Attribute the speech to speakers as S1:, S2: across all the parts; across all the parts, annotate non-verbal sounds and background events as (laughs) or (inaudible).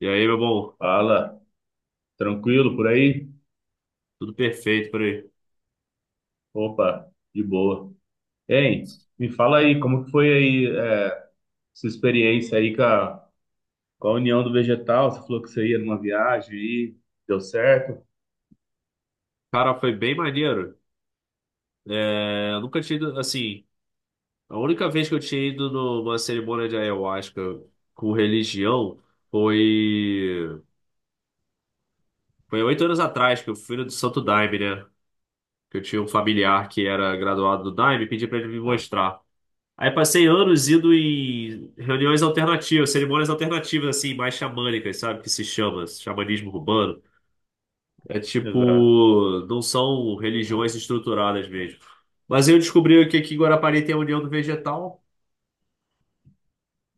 S1: E aí, meu bom,
S2: Fala, tranquilo por aí?
S1: tudo perfeito por aí.
S2: Opa, de boa. Hein, me fala aí, como que foi aí, sua experiência aí com a União do Vegetal? Você falou que você ia numa viagem aí, deu certo?
S1: Cara, foi bem maneiro. É, eu nunca tinha ido, assim, a única vez que eu tinha ido numa cerimônia de ayahuasca com religião foi 8 anos atrás que eu fui no do Santo Daime, né? Que eu tinha um familiar que era graduado do Daime e pedi pra ele me mostrar. Aí passei anos indo em reuniões alternativas, cerimônias alternativas, assim, mais xamânicas, sabe? Que se chama, xamanismo urbano. É
S2: Exato.
S1: tipo, não são religiões estruturadas mesmo. Mas eu descobri que aqui em Guarapari tem a União do Vegetal.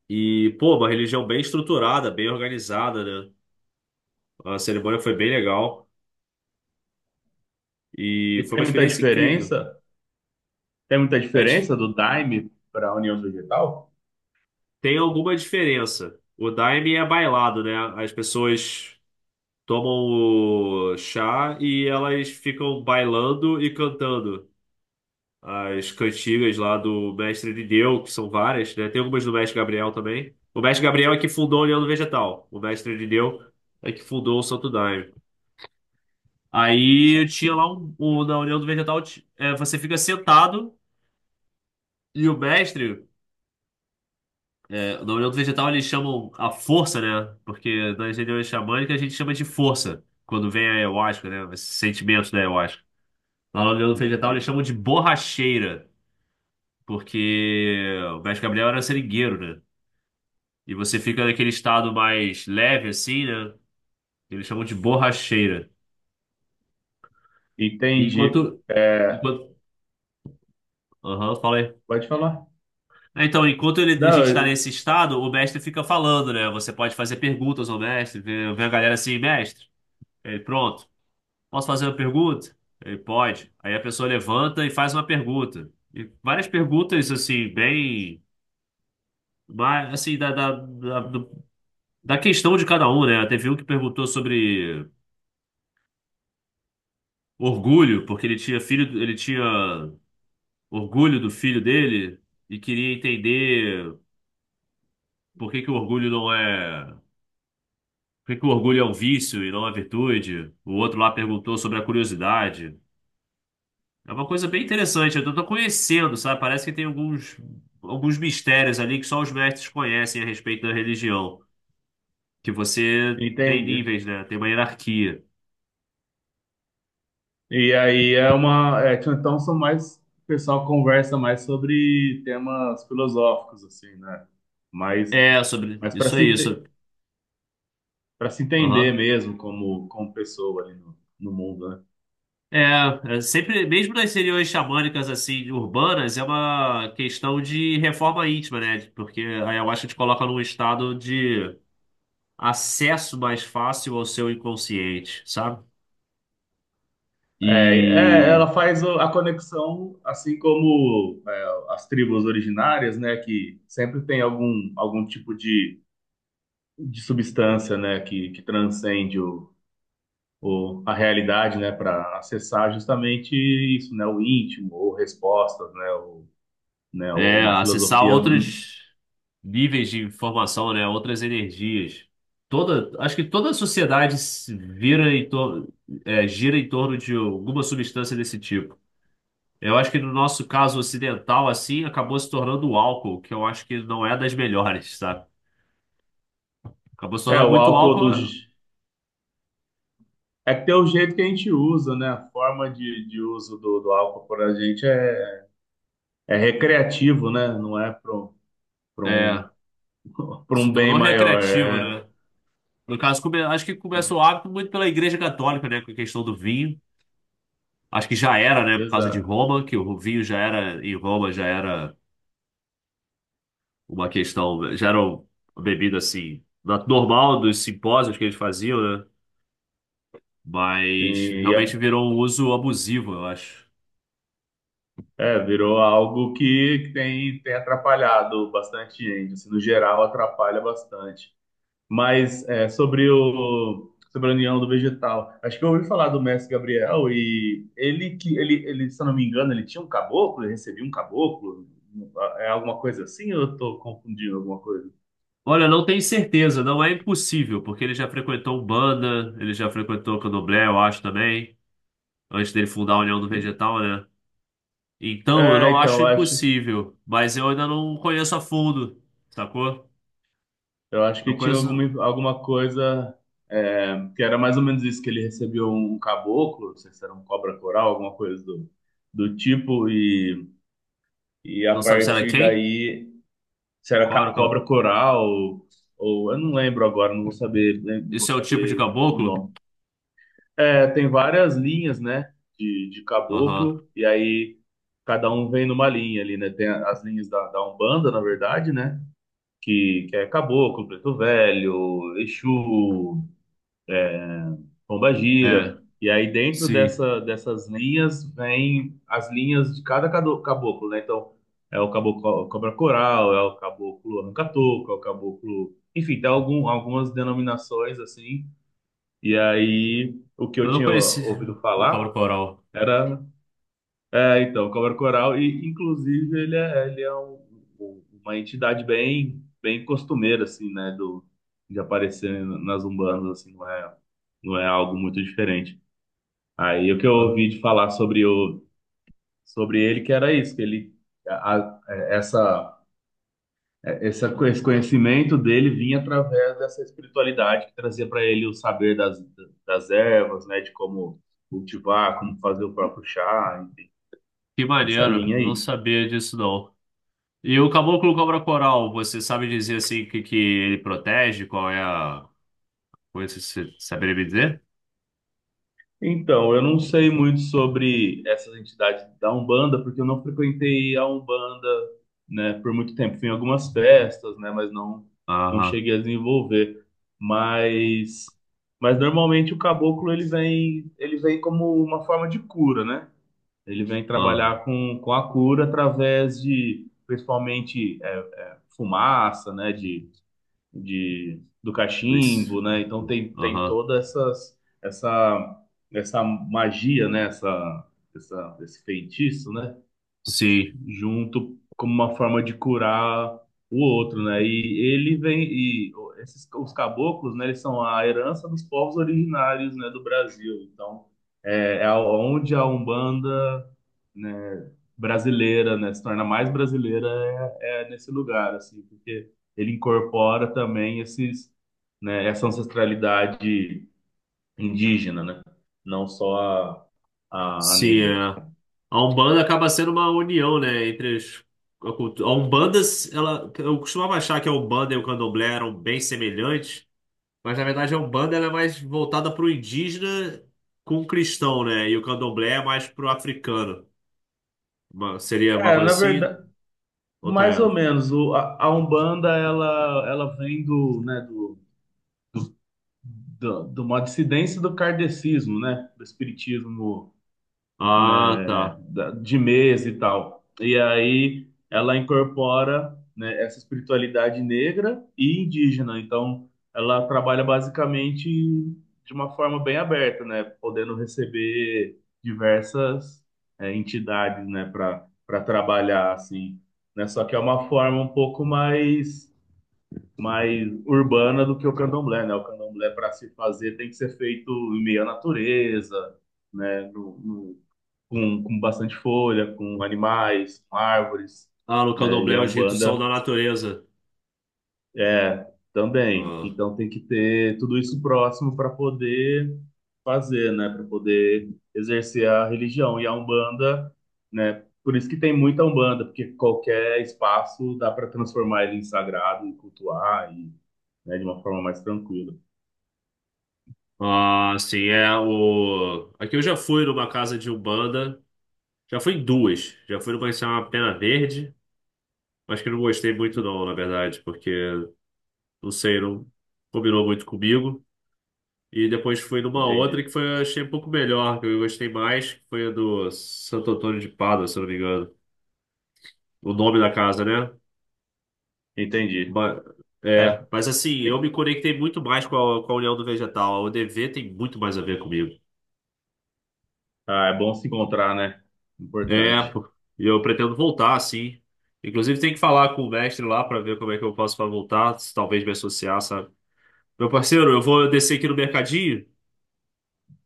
S1: E, pô, uma religião bem estruturada, bem organizada, né? A cerimônia foi bem legal.
S2: E
S1: E foi uma
S2: tem muita
S1: experiência incrível.
S2: diferença? Tem muita
S1: É dif-
S2: diferença do Daime para a União do Vegetal?
S1: Tem alguma diferença. O Daime é bailado, né? As pessoas tomam o chá e elas ficam bailando e cantando. As cantigas lá do Mestre Irineu, que são várias, né? Tem algumas do Mestre Gabriel também. O Mestre Gabriel é que fundou o União do Vegetal. O Mestre Irineu é que fundou o Santo Daime. Aí tinha lá na União do Vegetal, você fica sentado e o mestre, é, na União do Vegetal eles chamam a força, né? Porque nas reuniões xamânicas a gente chama de força, quando vem a ayahuasca, né? Esses sentimentos da ayahuasca. Lá na União do Vegetal eles
S2: Entendi.
S1: chamam de borracheira, porque o mestre Gabriel era seringueiro, né? E você fica naquele estado mais leve, assim, né? Que eles chamam de borracheira. E enquanto.
S2: Entendi. É,
S1: Enquanto. Aham, fala aí.
S2: pode falar?
S1: É, então, a
S2: Não,
S1: gente está nesse
S2: eu-
S1: estado, o mestre fica falando, né? Você pode fazer perguntas ao mestre. Vê Vem a galera assim, mestre. Ele, pronto. Posso fazer uma pergunta? Ele pode. Aí a pessoa levanta e faz uma pergunta. E várias perguntas, assim, bem. Mas, assim, da questão de cada um, né? Teve um que perguntou sobre orgulho, porque ele tinha filho, ele tinha orgulho do filho dele e queria entender por que que o orgulho é um vício e não uma virtude. O outro lá perguntou sobre a curiosidade. É uma coisa bem interessante, eu tô conhecendo, sabe? Parece que tem alguns mistérios ali que só os mestres conhecem a respeito da religião, que você tem
S2: entendi.
S1: níveis, né? Tem uma hierarquia.
S2: E aí é uma. É, então são mais. O pessoal conversa mais sobre temas filosóficos, assim, né? Mas,
S1: É, sobre
S2: mas para
S1: isso
S2: se,
S1: aí, sobre...
S2: para se entender
S1: Aham.
S2: mesmo como pessoa ali no mundo, né?
S1: É, é sempre, mesmo nas regiões xamânicas assim, urbanas, é uma questão de reforma íntima, né? Porque a ayahuasca te coloca num estado de acesso mais fácil ao seu inconsciente, sabe? E
S2: Ela faz a conexão, assim como é, as tribos originárias, né? Que sempre tem algum tipo de substância, né? Que transcende o, a realidade, né, para acessar justamente isso, né, o íntimo, ou respostas, né, ou, né, ou
S1: é,
S2: uma
S1: acessar
S2: filosofia.
S1: outros níveis de informação, né? Outras energias. Toda, acho que toda a sociedade se vira em tor- é, gira em torno de alguma substância desse tipo. Eu acho que no nosso caso ocidental, assim, acabou se tornando o álcool, que eu acho que não é das melhores, sabe? Acabou se
S2: É,
S1: tornando
S2: o
S1: muito
S2: álcool do.
S1: álcool,
S2: É que tem o jeito que a gente usa, né? A forma de uso do álcool para a gente é recreativo, né? Não é para
S1: é,
S2: um, (laughs) pra
S1: se
S2: um bem
S1: tornou
S2: maior.
S1: recreativo,
S2: É,
S1: né? No caso, acho que começou
S2: sim,
S1: o hábito muito pela Igreja Católica, né, com a questão do vinho. Acho que já era, né, por causa de
S2: exato.
S1: Roma, que o vinho já era, em Roma, já era uma questão, já era uma bebida, assim, normal dos simpósios que eles faziam, né?
S2: Sim,
S1: Mas
S2: e
S1: realmente
S2: é,
S1: virou um uso abusivo, eu acho.
S2: é, virou algo que tem, tem atrapalhado bastante gente. Assim, no geral, atrapalha bastante. Mas é, sobre o sobre a União do Vegetal, acho que eu ouvi falar do mestre Gabriel e ele que ele, se eu não me engano, ele tinha um caboclo, ele recebia um caboclo, é alguma coisa assim? Ou eu estou confundindo alguma coisa?
S1: Olha, não tenho certeza, não é impossível, porque ele já frequentou Umbanda, ele já frequentou Candomblé, eu acho também, antes dele fundar a União do
S2: Sim.
S1: Vegetal, né? Então, eu
S2: É,
S1: não
S2: então
S1: acho
S2: eu acho
S1: impossível, mas eu ainda não conheço a fundo, sacou?
S2: eu acho
S1: Não
S2: que tinha
S1: conheço,
S2: alguma coisa, é, que era mais ou menos isso, que ele recebeu um caboclo, não sei se era um cobra coral, alguma coisa do do tipo, e a
S1: não sabe se era
S2: partir
S1: quem?
S2: daí, se era
S1: Qual era o caboclo?
S2: cobra coral ou eu não lembro agora, não vou saber, né, não vou
S1: Isso é o tipo de
S2: saber o
S1: caboclo?
S2: nome. É, tem várias linhas, né, de
S1: Aham,
S2: caboclo, e aí cada um vem numa linha ali, né? Tem as linhas da, da Umbanda, na verdade, né? Que é caboclo, preto velho, Exu, Pomba Gira.
S1: é,
S2: E aí dentro
S1: sim.
S2: dessa, dessas linhas vem as linhas de cada caboclo, né? Então é o caboclo cobra coral, é o caboclo arranca-toco, é o caboclo, enfim, tem algumas denominações assim. E aí o que eu
S1: Eu não
S2: tinha
S1: conheci
S2: ouvido
S1: o cobra
S2: falar
S1: coral.
S2: era, é, então, cobra coral, e inclusive ele é uma entidade bem bem costumeira assim, né? Do de aparecer nas umbandas assim, não é não é algo muito diferente. Aí o que eu
S1: Ah,
S2: ouvi de falar sobre o sobre ele que era isso, que ele a, a- essa essa esse conhecimento dele vinha através dessa espiritualidade que trazia para ele o saber das das ervas, né, de como cultivar, como fazer o próprio chá, enfim,
S1: que
S2: nessa
S1: maneiro,
S2: linha
S1: não
S2: aí.
S1: sabia disso não. E o caboclo cobra coral, você sabe dizer assim que ele protege? Qual é a coisa que você saberia me dizer?
S2: Então, eu não sei muito sobre essas entidades da Umbanda, porque eu não frequentei a Umbanda, né, por muito tempo. Fui em algumas festas, né, mas não não
S1: Aham,
S2: cheguei a desenvolver. Mas mas normalmente o caboclo ele vem, ele vem como uma forma de cura, né? Ele vem
S1: aham,
S2: trabalhar com a cura através de, principalmente, é, fumaça, né, do
S1: isso.
S2: cachimbo, né? Então tem, tem
S1: Aham,
S2: toda essa, essa magia, né? Essa, esse feitiço, né?
S1: sim,
S2: Junto como uma forma de curar o outro, né? E ele vem e esses os caboclos, né? Eles são a herança dos povos originários, né, do Brasil. Então, é, é onde a Umbanda, né, brasileira, né, se torna mais brasileira, é, é nesse lugar, assim, porque ele incorpora também esses, né, essa ancestralidade indígena, né? Não só a
S1: sim.
S2: negra.
S1: é. A Umbanda acaba sendo uma união, né, entre as, a Umbanda, ela, eu costumava achar que a Umbanda e o Candomblé eram bem semelhantes, mas na verdade a Umbanda ela é mais voltada para o indígena com o cristão, né, e o Candomblé é mais para o africano. Seria uma
S2: É, na
S1: coisa assim?
S2: verdade,
S1: Ou tá
S2: mais ou
S1: errado?
S2: menos, a Umbanda, ela vem do, né, do, de uma dissidência do kardecismo, né? Do espiritismo,
S1: Ah,
S2: né,
S1: tá.
S2: de mesa e tal. E aí ela incorpora, né, essa espiritualidade negra e indígena. Então, ela trabalha basicamente de uma forma bem aberta, né, podendo receber diversas, é, entidades, né, para para trabalhar assim, né? Só que é uma forma um pouco mais mais urbana do que o candomblé, né? O candomblé para se fazer tem que ser feito em meio à natureza, né? Com bastante folha, com animais, com árvores,
S1: Ah, no
S2: né? E
S1: Candomblé
S2: a
S1: os ritos são
S2: Umbanda
S1: da natureza.
S2: é também.
S1: Ah.
S2: Então tem que ter tudo isso próximo para poder fazer, né? Para poder exercer a religião. E a Umbanda, né? Por isso que tem muita Umbanda, porque qualquer espaço dá para transformar ele em sagrado e cultuar e, né, de uma forma mais tranquila.
S1: Ah, sim, é o. Aqui eu já fui numa casa de Umbanda. Já fui em duas. Já fui numa que se chama Pena Verde. Acho que eu não gostei muito, não, na verdade, porque não sei, não combinou muito comigo. E depois fui numa outra
S2: Entendi.
S1: que foi, eu achei um pouco melhor, que eu gostei mais, que foi a do Santo Antônio de Pádua, se eu não me engano. O nome da casa, né?
S2: Entendi.
S1: Ba-
S2: É,
S1: é, mas assim, eu
S2: tem-
S1: me conectei muito mais com com a União do Vegetal. A UDV tem muito mais a ver comigo.
S2: ah, é bom se encontrar, né?
S1: É,
S2: Importante.
S1: pô. E eu pretendo voltar, sim. Inclusive, tem que falar com o mestre lá para ver como é que eu posso para voltar, se talvez me associar, sabe? Meu parceiro, eu vou descer aqui no mercadinho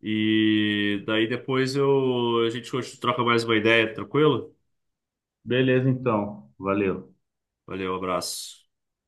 S1: e daí depois eu a gente troca mais uma ideia, tranquilo?
S2: Beleza, então. Valeu.
S1: Valeu, abraço.